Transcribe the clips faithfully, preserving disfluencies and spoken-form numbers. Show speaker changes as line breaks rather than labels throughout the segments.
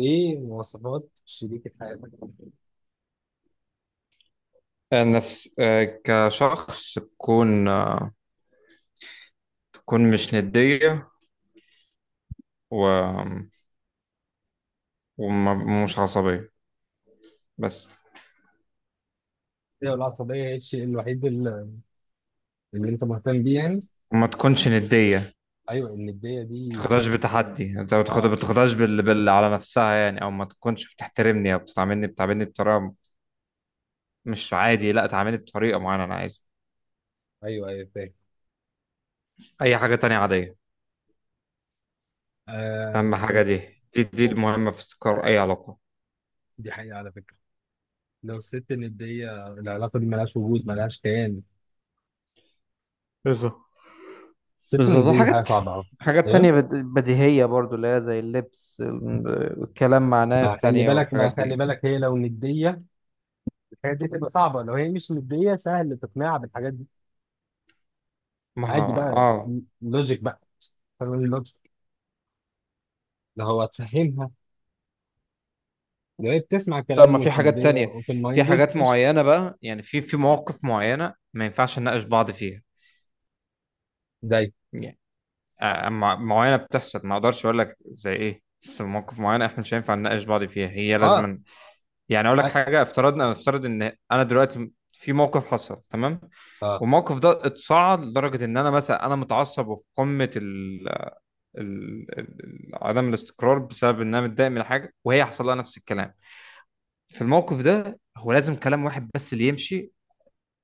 ايه مواصفات شريكة حياتك؟
نفس آه، كشخص تكون آه، تكون مش ندية و... ومش عصبية بس.
ايوه، العصبية هي الشيء الوحيد اللي, اللي انت مهتم بيه يعني.
وما تكونش ندية، ما
ايوه الندية دي.
تاخدهاش بتحدي، انت ما تاخد- ما
اه.
تاخدهاش بال... بال... على نفسها يعني، او ما تكونش بتحترمني او بتعاملني بتعاملني بطريقة مش عادي. لا تعاملني بطريقة معينة انا عايزها.
ايوه ايوه، فاهم.
اي حاجة تانية عادية. اهم
آه
حاجة
وال-
دي. دي دي
أو،
المهمة في استقرار اي علاقة.
دي حقيقة على فكرة. لو الست الندية، العلاقة دي ملهاش وجود، ملهاش كيان.
بالظبط.
الست
بالظبط
الندية دي حاجة
وحاجات.
صعبة أوي.
حاجات
ايه.
تانية بد- بديهية برضو، اللي هي زي اللبس ال- والكلام مع
ما
ناس
خلي
تانية
بالك ما
والحاجات
خلي
دي.
بالك هي لو ندية الحاجات دي تبقى صعبة، لو هي مش ندية سهل تقنعها بالحاجات دي.
ما
عادي بقى.
اه،
لوجيك بقى. فاهم اللوجيك، اللي هو تفهمها، بقيت تسمع
لا
كلام
ما في
مش
حاجات
مدي،
تانية.
اوبن
في
مايندد،
حاجات
قشطه.
معينة بقى يعني، في في مواقف معينة ما ينفعش نناقش بعض فيها
زي.
يعني. آه، أما معينة بتحصل ما اقدرش اقول لك زي ايه، بس مواقف معينة احنا مش هينفع نناقش بعض فيها، هي
اه
لازما يعني. اقول لك
اه.
حاجة، افترضنا، افترض ان انا دلوقتي في موقف حصل، تمام؟
آه،
والموقف ده اتصاعد لدرجة ان انا مثلا انا متعصب وفي قمة ال ال- ال- ال- عدم الاستقرار، بسبب ان انا متضايق من حاجه وهي حصل لها نفس الكلام. في الموقف ده هو لازم كلام واحد بس اللي يمشي،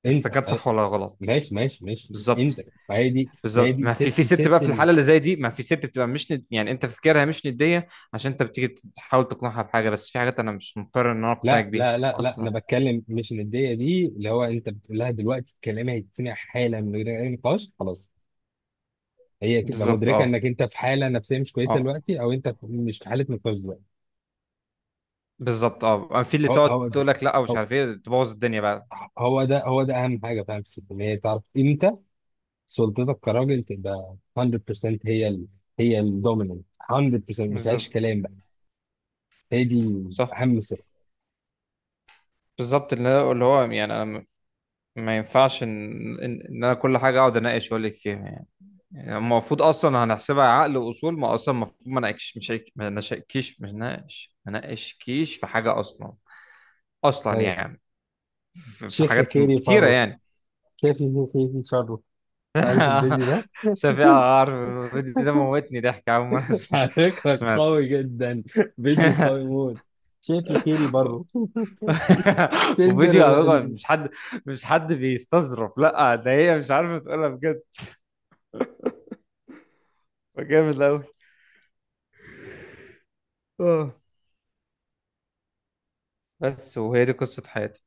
انت
استكان،
آه،
صح ولا غلط؟
ماشي ماشي ماشي،
بالظبط.
انت. ما هي دي ما هي
بالظبط.
دي
ما في
ست
في ست
ست
بقى، في
ال...
الحاله اللي زي دي ما في ست بتبقى مش ند... يعني انت فكرها مش نديه، عشان انت بتيجي تحاول تقنعها بحاجه، بس في حاجات انا مش مضطر ان انا اقنعك
لا
بيها
لا لا لا،
اصلا.
انا بتكلم مش نديه دي، اللي هو انت بتقول لها دلوقتي الكلام هيتسمع حالا من غير اي نقاش خلاص. هي تبقى
بالظبط.
مدركه
اه.
انك انت في حاله نفسيه مش كويسه
اه
دلوقتي، او انت مش في حاله نقاش دلوقتي.
بالظبط. اه، في اللي
هو
تقعد
هو ده.
تقول لك لا ومش
هو.
عارف ايه، تبوظ الدنيا بقى.
هو ده هو ده اهم حاجه، فاهم، في الست ان هي تعرف امتى سلطتك كراجل تبقى مية بالمية، هي ال...، هي الدوميننت مية بالمية، ما
بالظبط.
فيهاش كلام بقى. هي دي
صح.
اهم سر.
بالظبط. اللي هو اللي هو يعني، انا ما ينفعش ان ان إن انا كل حاجه اقعد اناقش واقول لك فيها. يعني المفروض اصلا هنحسبها عقل واصول، ما اصلا المفروض ما ناقش، مش هيك- ما نشكيش، مش ناقش، ما ناقشكيش في حاجه اصلا. اصلا
طيب.
يعني، في في
شيخ يا
حاجات
خيري
كتيره
فره.
يعني.
شايف يا خيري شره. عارف الفيديو ده؟
شفيع، عارف الفيديو ده موتني ضحك، اول مره اسمع-
على فكرة
سمعت.
قوي جدا. فيديو قوي موت. شايف يا خيري بره. تندر
وفيديو على
ال...
فكرة، مش حد مش حد بيستظرف، لا ده هي مش عارفه تقولها بجد. جامد قوي. اه. بس وهي دي قصه حياتي.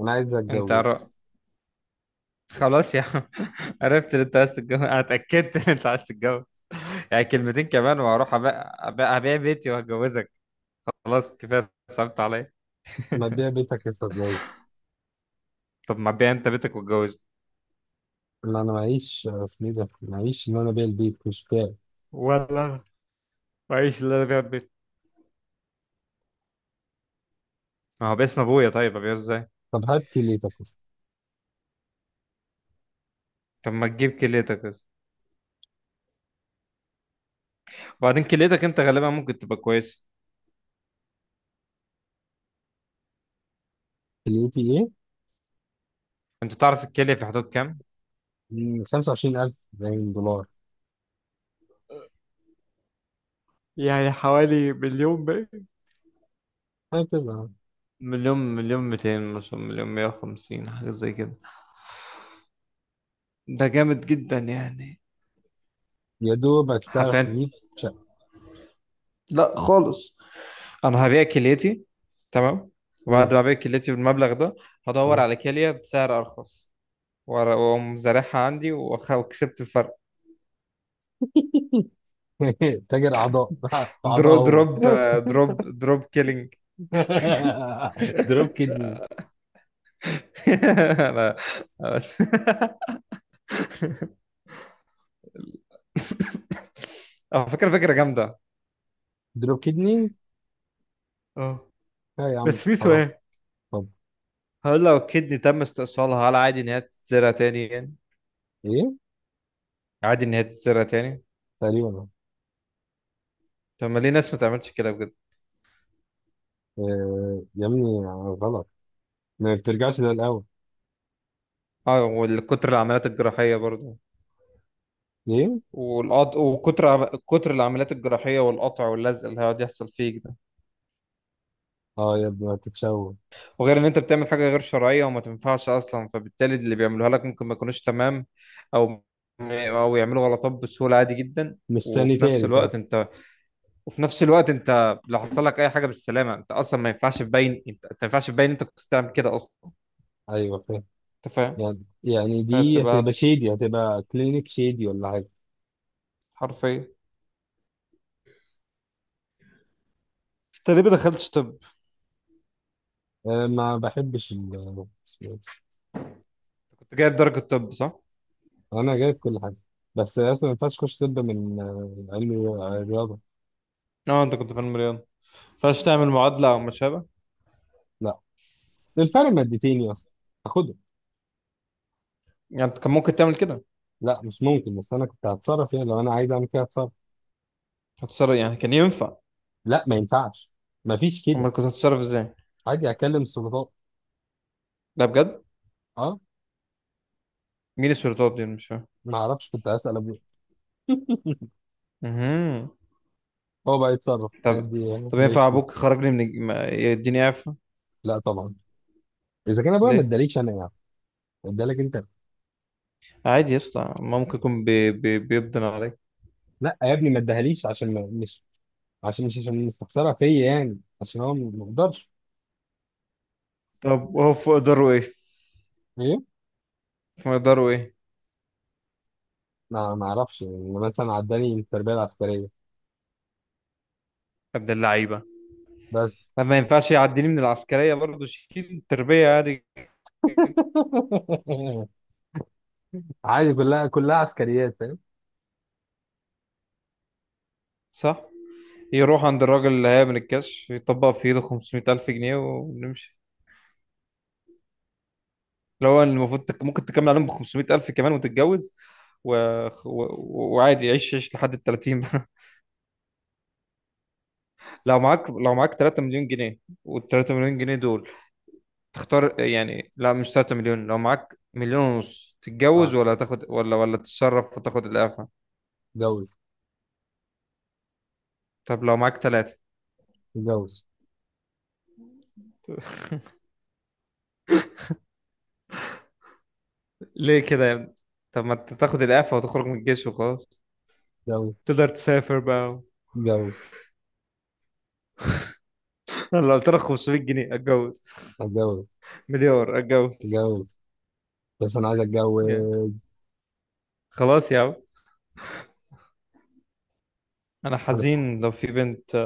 انا عايز
انت
اتجوز.
عر... خلاص يا عم. عرفت ان انت عايز تتجوز، انا اتاكدت ان انت عايز تتجوز. يعني كلمتين كمان وهروح ابيع. أبيع... أبيع بيتي وهتجوزك. خلاص كفايه، صعبت عليا.
ما تبيع بيتك لسه اتجوز.
طب ما بيع انت بيتك واتجوزني.
لا انا معيش اسمي ده، معيش ان انا ابيع البيت مش بتاعي.
ولا وعيش اللي انا بيع بيتي؟ ما هو باسم ابويا، طيب ابيعه ازاي؟
طب هات كليتك.
طب ما تجيب كليتك بس. وبعدين كليتك انت غالبا ممكن تبقى كويس.
كليتي ايه؟
انت تعرف الكليه في حدود كام؟
مم، خمسة وعشرين ألف باين دولار.
يعني حوالي مليون بقى،
هكذا.
مليون، مليون مئتين مثلا، مليون مية وخمسين، حاجه زي كده. ده جامد جدا يعني.
يا دوبك تعرف
حرفيا.
تجيب شقة.
لا خالص. انا هبيع كليتي، تمام.
مم.
وبعد ما ابيع كليتي بالمبلغ ده، هدور
مم.
على كليه بسعر ارخص وأر- واقوم زارعها عندي وأخ- وكسبت الفرق.
تاجر أعضاء. في أعضاء
دروب
هو.
دروب. دروب دروب كيلينج.
دروب كدني.
انا على فكره، فكره جامده.
دروب كدني.
اه.
لا يا عم،
بس في
حرام.
سؤال،
طب.
هل لو كدني تم استئصالها، هل عادي ان هي تتزرع تاني يعني؟
إيه.
عادي ان هي تتزرع تاني؟
تقريبا.
طب ما ليه ناس ما تعملش كده بجد؟
آه يا ابني، غلط، ما بترجعش للأول.
اه، والكتر العمليات الجراحيه برضه.
ليه.
والقط... وكتر كتر العمليات الجراحية، والقطع واللزق اللي هيقعد يحصل فيك ده.
اه يا ابني هتتشوه.
وغير ان انت بتعمل حاجة غير شرعية وما تنفعش اصلا، فبالتالي اللي بيعملوها لك ممكن ما يكونوش تمام. او او يعملوا غلطات بسهولة، عادي جدا.
مستني
وفي نفس
تاني فعلا.
الوقت انت. وفي نفس الوقت انت لو حصل لك اي حاجة بالسلامة انت اصلا ما ينفعش تبين انت، أنت ما ينفعش تبين انت كنت بتعمل كده اصلا.
أيوه فاهم.
انت فاهم.
يعني يعني دي هتبقى
هتبقى
شيدي، هتبقى كلينيك شيدي ولا حاجة.
حرفيا. انت ليه ما دخلتش طب؟
آه، ما بحبش ال اسمه إيه؟
كنت جايب درجة طب، صح؟
أنا جايب كل حاجة. بس أصلا ما ينفعش تخش طب من آه، علم رياضة.
اه، انت كنت في المليون، ما ينفعش تعمل معادلة او ما شابه.
لا، الفرق مادتين يا اسطى، هاخدهم.
يعني انت كان ممكن تعمل كده.
لا مش ممكن، بس انا كنت هتصرف فيها، لو انا عايز اعمل كده هتصرف.
هتتصرف يعني، كان ينفع.
لا ما ينفعش، ما فيش كده.
امال كنت هتتصرف ازاي؟
عادي اكلم السلطات.
لا بجد،
اه.
مين السلطات دي؟ أنا مش فاهم.
ما اعرفش، كنت هسال ابويا،
مهم.
هو بقى يتصرف
طب.
دي.
طب ينفع
ماشي
ابوك
فيها.
يخرجني من الج- ما- يديني اعفاء؟
لا طبعا، اذا كان ابويا ما
ليه؟
اداليش انا يعني ادالك انت.
عادي يا اسطى، ما ممكن يكون بي... بي... بيبدن عليك.
لا يا ابني ما اداهاليش عشان ما مش عشان مش عشان مستخسرها فيا يعني، عشان هو ما ما يقدرش.
طب هو فوق اقداره ايه؟
ايه.
فوق اقداره ايه يا
ما ما اعرفش يعني، مثلا عداني التربيه العسكريه
ابن اللعيبه؟
بس.
طب ما ينفعش يعديني من العسكريه برضه، شيل تربيه عادي.
عادي كلها كلها عسكريات، فاهم.
صح. يروح عند الراجل اللي هيعمل الكاش، يطبق في ايده خمسمية ألف جنيه ونمشي. اللي هو المفروض تك- ممكن تكمل عليهم ب خمسمية ألف كمان وتتجوز. و... و... وعادي، عيش عيش لحد ال ثلاثين. لو معاك، لو معاك ثلاث مليون جنيه، وال ثلاث مليون جنيه دول تختار يعني. لا مش تلات مليون، لو معاك مليون ونص،
اه.
تتجوز ولا تاخد، ولا ولا تتصرف وتاخد الإعفاء؟
اتجوز.
طب لو معاك تلاتة؟
اتجوز.
ليه كده يا ابني؟ طب ما انت تاخد الإعفاء وتخرج من الجيش وخلاص،
اتجوز.
تقدر تسافر بقى.
اتجوز.
لو قلت لك خمسمية جنيه، اتجوز.
اتجوز.
مليار، اتجوز.
اتجوز. بس انا عايز
يعني
اتجوز.
خلاص يا عم، انا
انا
حزين لو في بنت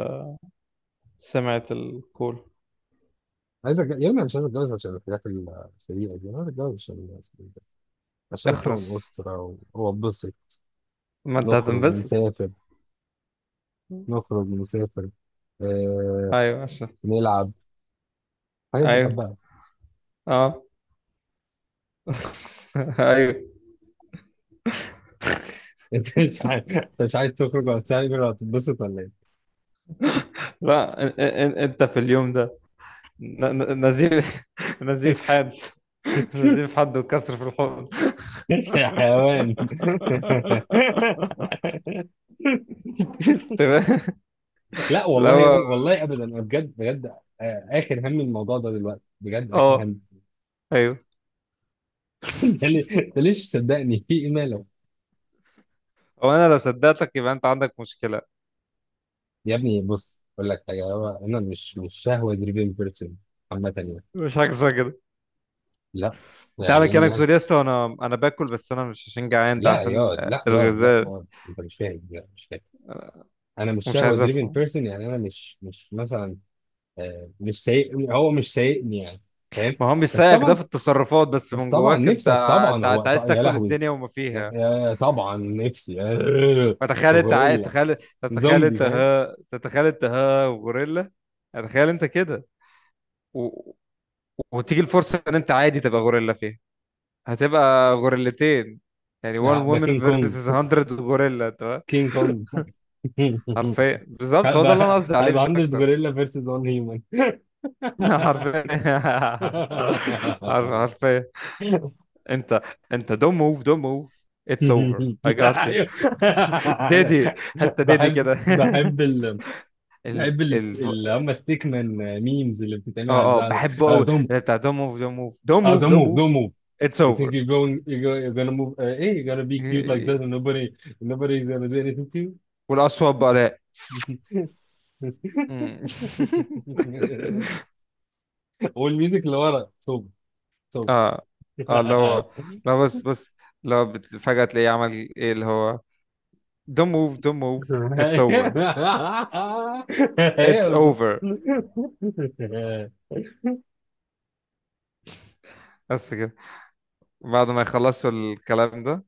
سمعت الكول.
عايز أتج... يا ابني أنا مش عايز اتجوز عشان الحاجات السيئه دي، انا عايز اتجوز عشان عشان اكون
اخرس،
اسره واتبسط.
ما انت
نخرج
هتنبسط.
نسافر نخرج نسافر آه...
ايوه عشان.
نلعب، حاجات دي
ايوه.
بحبها.
اه. ايوه.
انت مش عايز أنت مش عايز تخرج ولا تسافر ولا تتبسط ولا.
لا إن- إن- انت في اليوم ده ن- ن- نزيف.
ايه؟
نزيف حاد. نزيف حد وكسر في الحوض.
يا حيوان.
تمام.
لا
لا
والله يا
هو.
ابني، والله ابدا، انا بجد بجد. آه، اخر هم الموضوع ده دلوقتي، بجد اخر
اه.
هم.
ايوه.
انت ليه- أنت ليش صدقني؟ في ايه ماله؟
هو انا لو صدقتك يبقى انت عندك مشكله.
يا ابني بص اقول لك حاجه، هو انا مش مش شهوه دريفن بيرسون عامه يعني.
مش حاجه اسمها كده.
لا.
انت
يعني
عامل
ايه
كانك
يعني.
بتقول يا اسطى، انا انا باكل بس انا مش عشان جعان، ده
لا
عشان
ياض،
آه،
لا ياض، لا
الغذاء.
ياض، انت مش فاهم، لا مش فاهم. انا مش
ومش
شهوه
عايز
دريفن
افهم.
بيرسون يعني، انا مش مش مثلا آه، مش سايق، هو مش سايقني يعني، فاهم.
ما هو
بس
بيسايقك ده
طبعا.
في التصرفات، بس
بس
من
طبعا
جواك انت،
نفسك
ع-
طبعا،
انت ع-
هو
انت
ط-
عايز
يا
تاكل
لهوي.
الدنيا وما
يا
فيها.
يا طبعا نفسي.
فتخيل انت، عايز
غوريلا.
تخيل، تتخيل
زومبي
انت
فاهم.
ها. تتخيل انت ها وغوريلا. تخيل انت كده، و... وتيجي الفرصة ان انت عادي تبقى غوريلا فيها، هتبقى غوريلتين. يعني one
هبقى
woman
كينج كونج.
versus hundred غوريلا، انت فاهم؟
كينج كونج.
حرفيا بالظبط، هو ده اللي انا
هبقى
قصدي عليه مش
هبقى مية
اكتر.
غوريلا فيرسز واحد هيومن.
حرفيا. حرف- حرفيا. انت. انت don't move, don't move. It's over. I got you.
ايوه.
ديدي. حتى ديدي
بحب
كده.
بحب ال...
ال
بحب ال...
ال ف-
اللي هم ستيك مان ميمز اللي بتتعمل على
اه. اه
البتاع ده.
بحبه
آه،
قوي
don't
اللي بتاع، دون موف دون موف دون
آه،
موف
don't
دون
move
موف.
don't move.
اتس
You think
اوفر.
you're going you're gonna you're gonna move, uh, hey you're gonna be cute like that and nobody nobody's gonna do anything to you.
والاصوات بقى، لا. مم.
والميوزك اللي ورا توب. توب.
اه. اه لو. لو بس. بس لو بت- فجأة تلاقيه عمل ايه، اللي هو don't move, don't move. It's over.
هي
It's
بالظبط.
over. بس كده بعد ما يخلصوا الكلام ده.